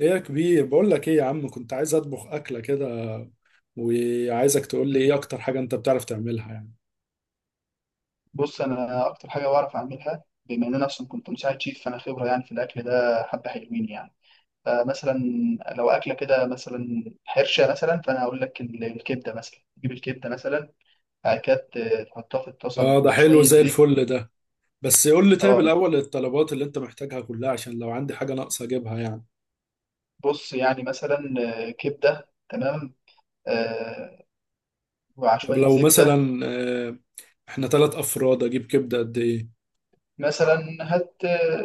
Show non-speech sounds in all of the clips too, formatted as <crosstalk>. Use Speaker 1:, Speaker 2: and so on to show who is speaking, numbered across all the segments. Speaker 1: ايه يا كبير، بقول لك ايه يا عم، كنت عايز اطبخ اكله كده، وعايزك تقول لي
Speaker 2: مم.
Speaker 1: ايه اكتر حاجه انت بتعرف تعملها يعني.
Speaker 2: بص، انا اكتر حاجه بعرف اعملها، بما ان انا اصلا كنت مساعد شيف، فانا خبره يعني في الاكل ده حبه، حلوين يعني. فمثلا لو اكله كده مثلا حرشه مثلا، فانا هقول لك الكبده مثلا. تجيب الكبده مثلا. بعد كده تحطها في الطاسه
Speaker 1: اه، ده
Speaker 2: مع
Speaker 1: حلو
Speaker 2: شويه
Speaker 1: زي
Speaker 2: زيت.
Speaker 1: الفل ده. بس قول لي طيب
Speaker 2: اه،
Speaker 1: الاول الطلبات اللي انت محتاجها كلها، عشان لو عندي حاجه ناقصه اجيبها يعني.
Speaker 2: بص يعني مثلا كبده. تمام. آه، ومع
Speaker 1: طب
Speaker 2: شويه
Speaker 1: لو
Speaker 2: زبده.
Speaker 1: مثلا احنا 3 افراد، اجيب كبده قد ايه؟
Speaker 2: مثلا هات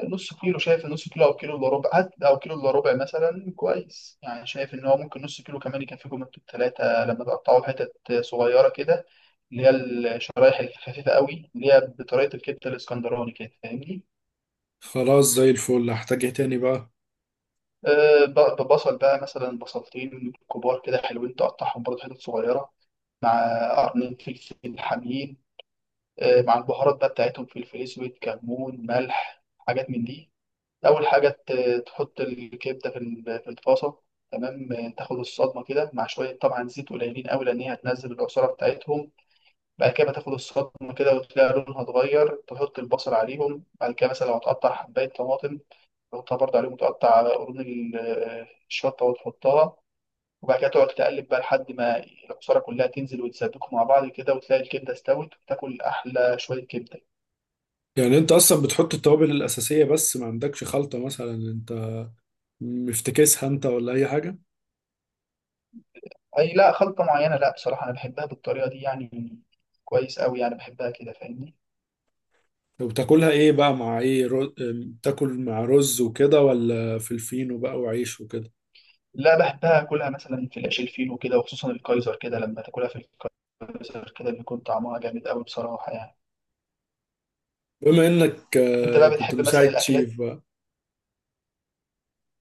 Speaker 2: نص كيلو، شايف؟ نص كيلو او كيلو الا ربع. هات او كيلو الا ربع مثلا، كويس يعني. شايف ان هو ممكن نص كيلو كمان يكفيكم انتوا الثلاثه، لما تقطعوا حتت صغيره كده، اللي هي الشرايح الخفيفه قوي، اللي هي بطريقه الكبده الاسكندراني كده، فاهمني.
Speaker 1: خلاص زي الفل، هحتاج ايه تاني بقى؟
Speaker 2: ببصل بقى مثلا، بصلتين كبار كده حلوين، تقطعهم برضه حتت صغيره، مع قرنين فلفل حامين. مع البهارات بقى بتاعتهم، فلفل اسود، كمون، ملح، حاجات من دي. أول حاجة تحط الكبدة في الطاسة تمام. تاخد الصدمة كده مع شوية طبعا زيت قليلين أوي، لأن هي هتنزل العصارة بتاعتهم. بعد كده تاخد الصدمة كده وتلاقي لونها اتغير، تحط البصل عليهم. بعد كده مثلا لو هتقطع حباية طماطم تحطها برضه عليهم، وتقطع قرون الشطة وتحطها. وبعد كده تقعد تقلب بقى لحد ما العصارة كلها تنزل وتسبكوا مع بعض كده، وتلاقي الكبدة استوت وتاكل أحلى شوية كبدة.
Speaker 1: يعني انت اصلا بتحط التوابل الاساسيه بس، ما عندكش خلطه مثلا انت مفتكسها انت، ولا اي حاجه؟
Speaker 2: اي، لا خلطة معينة، لا بصراحة، انا بحبها بالطريقة دي يعني، كويس قوي يعني. بحبها كده، فاهمني.
Speaker 1: طب بتاكلها ايه بقى؟ مع ايه رو... أم، تاكل، مع رز وكده، ولا فلفينو بقى وعيش وكده؟
Speaker 2: لا، بحبها اكلها مثلا في العيش الفينو كده، وخصوصا الكايزر كده، لما تاكلها في الكايزر كده بيكون طعمها جامد قوي بصراحة يعني.
Speaker 1: بما انك
Speaker 2: انت بقى
Speaker 1: كنت
Speaker 2: بتحب مثلا
Speaker 1: مساعد
Speaker 2: الاكلات؟
Speaker 1: شيف بقى.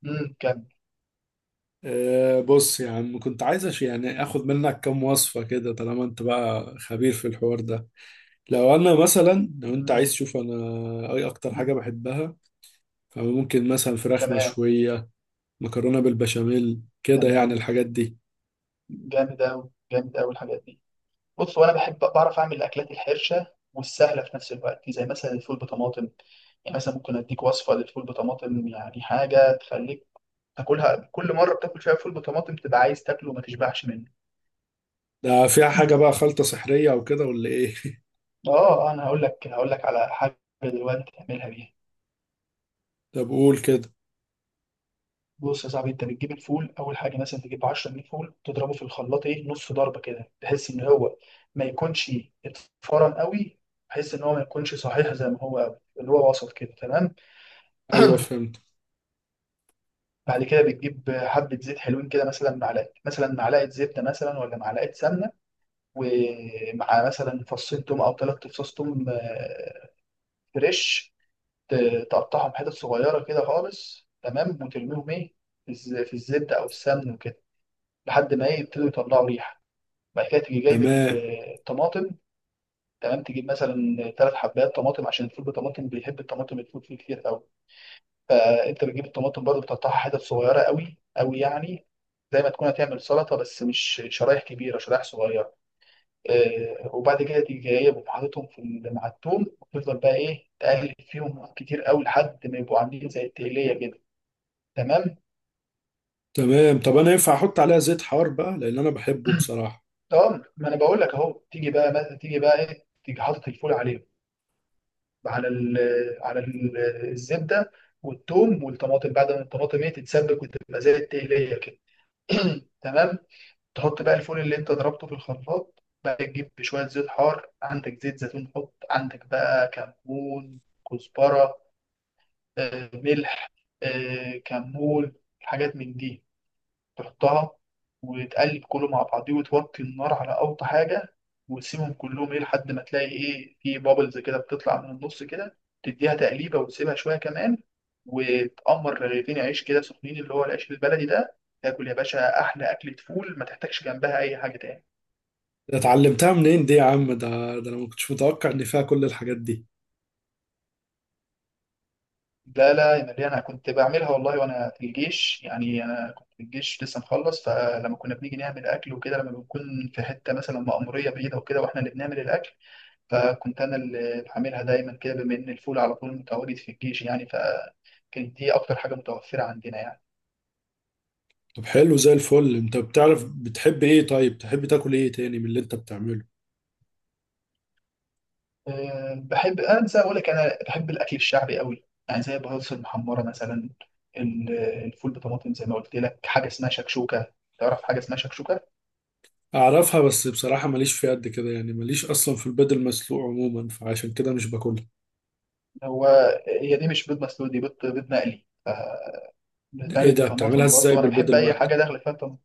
Speaker 2: كم.
Speaker 1: بص يا عم، كنت عايز يعني اخد منك كام وصفة كده، طالما انت بقى خبير في الحوار ده. لو انا مثلا، لو انت عايز
Speaker 2: امم
Speaker 1: تشوف انا اي اكتر حاجة بحبها، فممكن مثلا فراخ
Speaker 2: تمام.
Speaker 1: مشوية، مكرونة بالبشاميل كده، يعني
Speaker 2: تمام.
Speaker 1: الحاجات دي.
Speaker 2: جامد قوي، جامد قوي الحاجات دي. بص، وانا بحب بعرف اعمل الاكلات الحرشة والسهلة في نفس الوقت، زي مثلا الفول بطماطم. يعني مثلا ممكن اديك وصفة للفول بطماطم، يعني حاجة تخليك تاكلها كل مره. بتاكل شويه فول بطماطم تبقى عايز تاكله وما تشبعش منه.
Speaker 1: ده فيها
Speaker 2: مم.
Speaker 1: حاجة بقى، خلطة سحرية او كده، ولا ايه؟ <laughs>
Speaker 2: اه، انا هقول لك على حاجه دلوقتي تعملها بيها.
Speaker 1: طب قول كده.
Speaker 2: بص يا صاحبي، انت بتجيب الفول اول حاجه. مثلا تجيب 10 جنيه فول، تضربه في الخلاط ايه نص ضربه كده، بحيث ان هو ما يكونش اتفرن قوي، بحيث ان هو ما يكونش صحيح زي ما هو قوي، اللي هو وسط كده تمام.
Speaker 1: ايوه، فهمت.
Speaker 2: بعد كده بتجيب حبه زيت حلوين كده، مثلا معلقه، مثلا معلقه زبده مثلا، ولا معلقه سمنه، ومع مثلا فصين توم او ثلاث فصوص توم فريش. تقطعهم حتت صغيرة كده خالص تمام، وترميهم إيه في الزبدة أو السمن وكده، لحد ما إيه يبتدوا يطلعوا ريحة. بعد كده تيجي جايب
Speaker 1: تمام.
Speaker 2: الطماطم. تمام. تجيب مثلا ثلاث حبات طماطم، عشان الفول بالطماطم بيحب الطماطم، الفول فيه كتير قوي. فأنت بتجيب الطماطم برضه، بتقطعها حتت صغيرة قوي قوي يعني، زي ما تكون هتعمل سلطة، بس مش شرايح كبيرة، شرايح صغيرة. وبعد كده تيجي جايبهم حاططهم مع التوم، وتفضل بقى ايه تقلب فيهم كتير قوي لحد ما يبقوا عاملين زي التقلية كده تمام.
Speaker 1: تمام. طب انا ينفع احط عليها زيت حار بقى، لان انا بحبه بصراحه.
Speaker 2: اه، ما انا بقول لك اهو. تيجي بقى، ما تيجي بقى ايه، تيجي حاطط الفول عليهم، على ال على ال الزبده والثوم والطماطم، بعد ما الطماطم ايه تتسبك وتبقى زي التقليه كده. <clears throat> تمام. تحط بقى الفول اللي انت ضربته في الخلاط بقى، تجيب شويه زيت حار، عندك زيت زيتون، حط عندك بقى كمون، كزبره، ملح، كمون، حاجات من دي، تحطها وتقلب كله مع بعضيه، وتوطي النار على أوطى حاجة، وتسيبهم كلهم إيه لحد ما تلاقي إيه في بابلز كده بتطلع من النص كده. تديها تقليبة وتسيبها شوية كمان، وتقمر رغيفين عيش كده سخنين، اللي هو العيش البلدي ده، تاكل يا باشا أحلى أكلة فول، ما تحتاجش جنبها أي حاجة تاني.
Speaker 1: اتعلمتها منين دي يا عم؟ ده انا ما كنتش متوقع ان فيها كل الحاجات دي.
Speaker 2: لا لا يا مريم، أنا كنت بعملها والله وأنا في الجيش يعني. أنا كنت في الجيش لسه مخلص، فلما كنا بنيجي نعمل أكل وكده، لما بنكون في حتة مثلا مأمورية بعيدة وكده، وإحنا اللي بنعمل الأكل، فكنت انا اللي بعملها دايما كده، بما ان الفول على طول متواجد في الجيش يعني، فكانت دي اكتر حاجه متوفره عندنا يعني.
Speaker 1: طب حلو زي الفل، انت بتعرف بتحب ايه؟ طيب تحب تاكل ايه تاني من اللي انت بتعمله؟
Speaker 2: بحب انسى اقول لك، انا بحب الاكل الشعبي قوي يعني، زي البطاطس المحمره مثلا، ال- الفول بطماطم زي ما قلت لك. حاجه اسمها شكشوكه. تعرف حاجه اسمها شكشوكه؟
Speaker 1: اعرفها، بس بصراحه ماليش فيها قد كده يعني، ماليش اصلا في البيض المسلوق عموما، فعشان كده مش باكلها.
Speaker 2: هو هي دي مش بيض مسلوق، دي بيض، بيض مقلي.
Speaker 1: ايه
Speaker 2: بتتعمل
Speaker 1: ده؟ بتعملها
Speaker 2: بطماطم
Speaker 1: ازاي
Speaker 2: برضو، انا
Speaker 1: بالبيض
Speaker 2: بحب اي
Speaker 1: المقلي؟
Speaker 2: حاجه داخله فيها طماطم.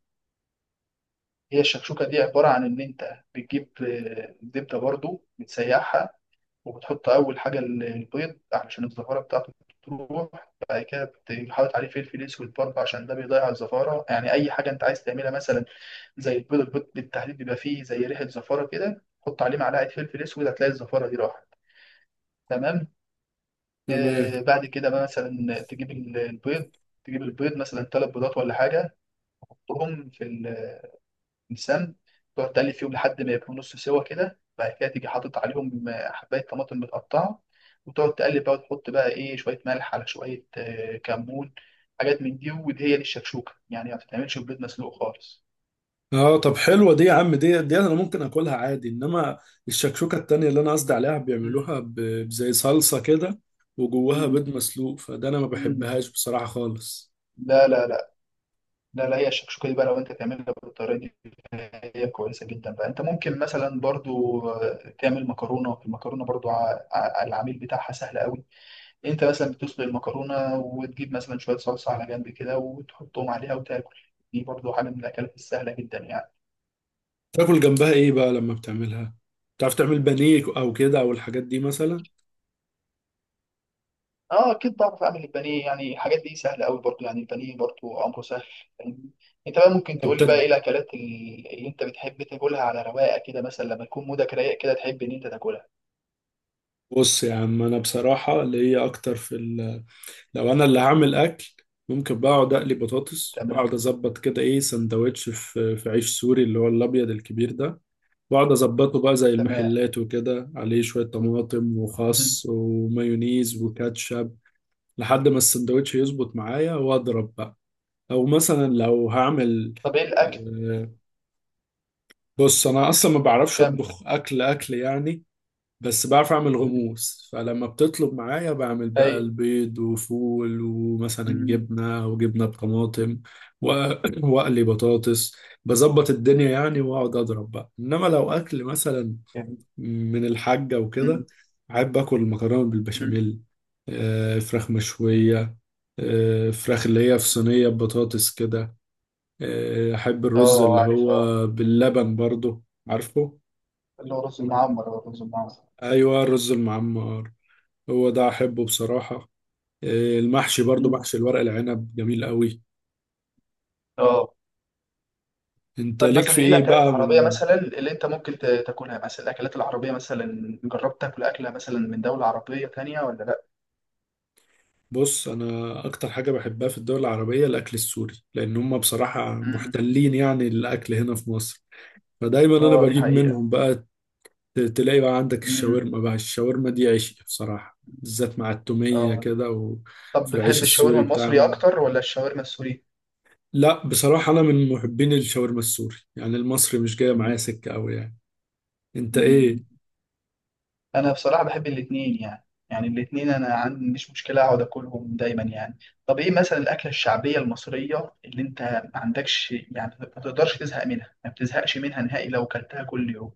Speaker 2: هي الشكشوكه دي عباره عن ان انت بتجيب زبده برضو، بتسيحها، وبتحط أول حاجة البيض، عشان الزفارة بتاعته تروح. بعد كده بتحط عليه فلفل أسود برضه، عشان ده بيضيع الزفارة يعني. أي حاجة أنت عايز تعملها مثلا زي البيض، البيض بالتحديد بيبقى فيه زي ريحة زفارة كده، حط عليه معلقة فلفل أسود هتلاقي الزفارة دي راحت. تمام.
Speaker 1: تمام.
Speaker 2: بعد كده بقى مثلا تجيب البيض. تجيب البيض مثلا ثلاث بيضات ولا حاجة، تحطهم في لسان، تقعد تقلب فيهم لحد ما يبقوا نص سوا كده. بعد كده تيجي حاطط عليهم حبايه طماطم متقطعه، وتقعد تقلب بقى، وتحط بقى ايه شويه ملح، على شويه كمون، حاجات من دي، ودي هي دي الشكشوكه يعني، ما بتتعملش ببيض مسلوق خالص.
Speaker 1: اه، طب حلوه دي يا عم، دي انا ممكن اكلها عادي، انما الشكشوكه التانية اللي انا قصدي عليها
Speaker 2: مم.
Speaker 1: بيعملوها بزي صلصه كده، وجواها
Speaker 2: مم.
Speaker 1: بيض مسلوق، فده انا ما
Speaker 2: مم.
Speaker 1: بحبهاش بصراحه خالص.
Speaker 2: لا لا لا. لا لا، هي الشكشوكه دي بقى لو انت تعملها بالطريقه دي هي كويسه جدا. بقى انت ممكن مثلا برضو تعمل مكرونه. المكرونه برضو العميل بتاعها سهل قوي. إيه، انت مثلا بتسلق المكرونه، وتجيب مثلا شويه صلصه على جنب كده، وتحطهم عليها وتاكل. دي برضو حاجه من الاكلات السهله جدا يعني.
Speaker 1: تاكل جنبها ايه بقى لما بتعملها؟ تعرف تعمل بانيه او كده، او الحاجات دي مثلا؟
Speaker 2: اه اكيد بعرف اعمل البانيه، يعني الحاجات دي سهله قوي برضو يعني. البانيه برضو امره سهل، فاهمني؟ انت بقى ممكن
Speaker 1: طب،
Speaker 2: تقول لي بقى ايه الاكلات اللي انت بتحب تاكلها على رواقه كده، مثلا لما تكون مودك رايق كده تحب ان انت تاكلها.
Speaker 1: بص يا عم، انا بصراحه اللي هي اكتر في ال... لو انا اللي هعمل اكل، ممكن بقى اقعد اقلي بطاطس،
Speaker 2: تمام.
Speaker 1: واقعد اظبط كده ايه سندوتش في عيش سوري، اللي هو الابيض الكبير ده، واقعد اظبطه بقى زي
Speaker 2: تمام.
Speaker 1: المحلات وكده، عليه شويه طماطم
Speaker 2: مم.
Speaker 1: وخس ومايونيز وكاتشب، لحد ما السندوتش
Speaker 2: مم.
Speaker 1: يظبط معايا واضرب بقى. او مثلا لو هعمل
Speaker 2: طب ايه الاكل
Speaker 1: آه، بص انا اصلا ما بعرفش
Speaker 2: كامل.
Speaker 1: اطبخ اكل اكل يعني، بس بعرف اعمل
Speaker 2: مم.
Speaker 1: غموس، فلما بتطلب معايا بعمل بقى
Speaker 2: ايوه.
Speaker 1: البيض وفول، ومثلا
Speaker 2: مم.
Speaker 1: جبنه وجبنه بطماطم، و- <coughs> <clears throat> واقلي بطاطس، بظبط الدنيا يعني، واقعد اضرب بقى. انما لو اكل مثلا
Speaker 2: جميل.
Speaker 1: من الحاجة
Speaker 2: مم.
Speaker 1: وكده، بحب آكل المكرونة
Speaker 2: مم.
Speaker 1: بالبشاميل، فراخ
Speaker 2: مم.
Speaker 1: مشوية، فراخ اللي هي في صينية بطاطس كده، أحب الرز
Speaker 2: اه،
Speaker 1: اللي
Speaker 2: عارف اه.
Speaker 1: هو باللبن برضو، عارفه؟
Speaker 2: اللي هو رز المعمر، هو الرز المعمر.
Speaker 1: أيوة، الرز المعمر، هو ده أحبه بصراحة. المحشي برضو، محشي الورق العنب جميل قوي.
Speaker 2: اه،
Speaker 1: أنت
Speaker 2: طب
Speaker 1: ليك
Speaker 2: مثلا
Speaker 1: في
Speaker 2: ايه
Speaker 1: إيه
Speaker 2: الاكلات
Speaker 1: بقى
Speaker 2: العربيه
Speaker 1: من؟
Speaker 2: مثلا اللي انت ممكن تاكلها، مثلا الاكلات العربيه مثلا جربت تاكل اكله مثلا من دوله عربيه تانية ولا لا؟
Speaker 1: بص، أنا أكتر حاجة بحبها في الدول العربية الأكل السوري، لأن هم بصراحة
Speaker 2: امم.
Speaker 1: محتلين يعني الأكل هنا في مصر، فدايما انا
Speaker 2: اه دي
Speaker 1: بجيب
Speaker 2: حقيقه.
Speaker 1: منهم بقى. تلاقي بقى عندك
Speaker 2: امم.
Speaker 1: الشاورما بقى، الشاورما دي عيش بصراحة، بالذات مع التومية
Speaker 2: اه،
Speaker 1: كده
Speaker 2: طب
Speaker 1: وفي العيش
Speaker 2: بتحب الشاورما
Speaker 1: السوري
Speaker 2: المصري
Speaker 1: بتاعهم.
Speaker 2: اكتر ولا الشاورما السوري؟
Speaker 1: لا بصراحة، انا من محبين الشاورما السوري يعني، المصري مش جاية
Speaker 2: مم.
Speaker 1: معايا سكة قوي يعني. انت ايه؟
Speaker 2: مم. انا بصراحه بحب الاثنين يعني، يعني الاثنين انا عندي مش مشكله اقعد اكلهم دايما يعني. طب ايه مثلا الاكله الشعبيه المصريه اللي انت ما عندكش يعني، ما تقدرش تزهق منها، ما بتزهقش منها نهائي لو كلتها كل يوم؟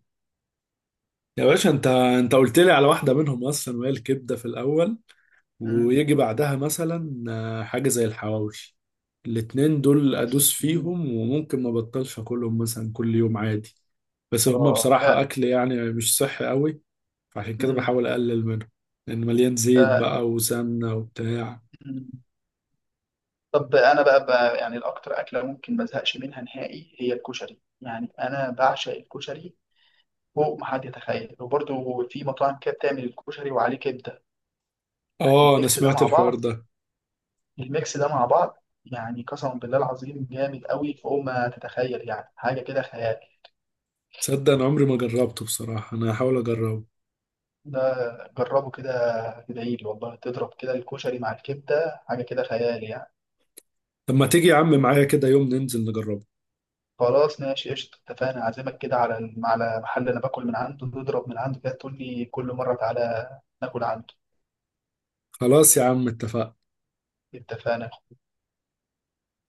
Speaker 1: يا باشا، انت قلت لي على واحدة منهم اصلا، وهي الكبدة في الاول، ويجي بعدها مثلا حاجة زي الحواوشي. الاتنين دول ادوس
Speaker 2: مم.
Speaker 1: فيهم، وممكن ما بطلش اكلهم مثلا كل يوم عادي، بس هما
Speaker 2: اه ده.
Speaker 1: بصراحة أكل يعني مش صحي قوي، فعشان كده
Speaker 2: مم.
Speaker 1: بحاول اقلل منه، لان مليان زيت
Speaker 2: ده.
Speaker 1: بقى وسمنه وبتاع.
Speaker 2: مم. طب انا بقى يعني الاكتر اكله ممكن ما ازهقش منها نهائي هي الكشري، يعني انا بعشق الكشري فوق ما حد يتخيل. وبرده في مطاعم كده بتعمل الكشري وعليه كبده، يعني
Speaker 1: اه، انا
Speaker 2: الميكس ده
Speaker 1: سمعت
Speaker 2: مع
Speaker 1: الحوار
Speaker 2: بعض.
Speaker 1: ده.
Speaker 2: الميكس ده مع بعض يعني قسما بالله العظيم جامد قوي فوق ما تتخيل، يعني حاجه كده خيال.
Speaker 1: تصدق انا عمري ما جربته بصراحه، انا هحاول اجربه.
Speaker 2: ده جربه كده، تدعيلي والله، تضرب كده الكشري مع الكبده حاجه كده خيال يعني.
Speaker 1: طب ما تيجي يا عم معايا كده يوم ننزل نجربه؟
Speaker 2: خلاص ماشي، قشطة، اتفقنا. أعزمك كده على محل أنا باكل من عنده، تضرب من عنده كده، تقول لي كل مرة تعالى ناكل عنده.
Speaker 1: خلاص يا عم، اتفقنا.
Speaker 2: اتفقنا.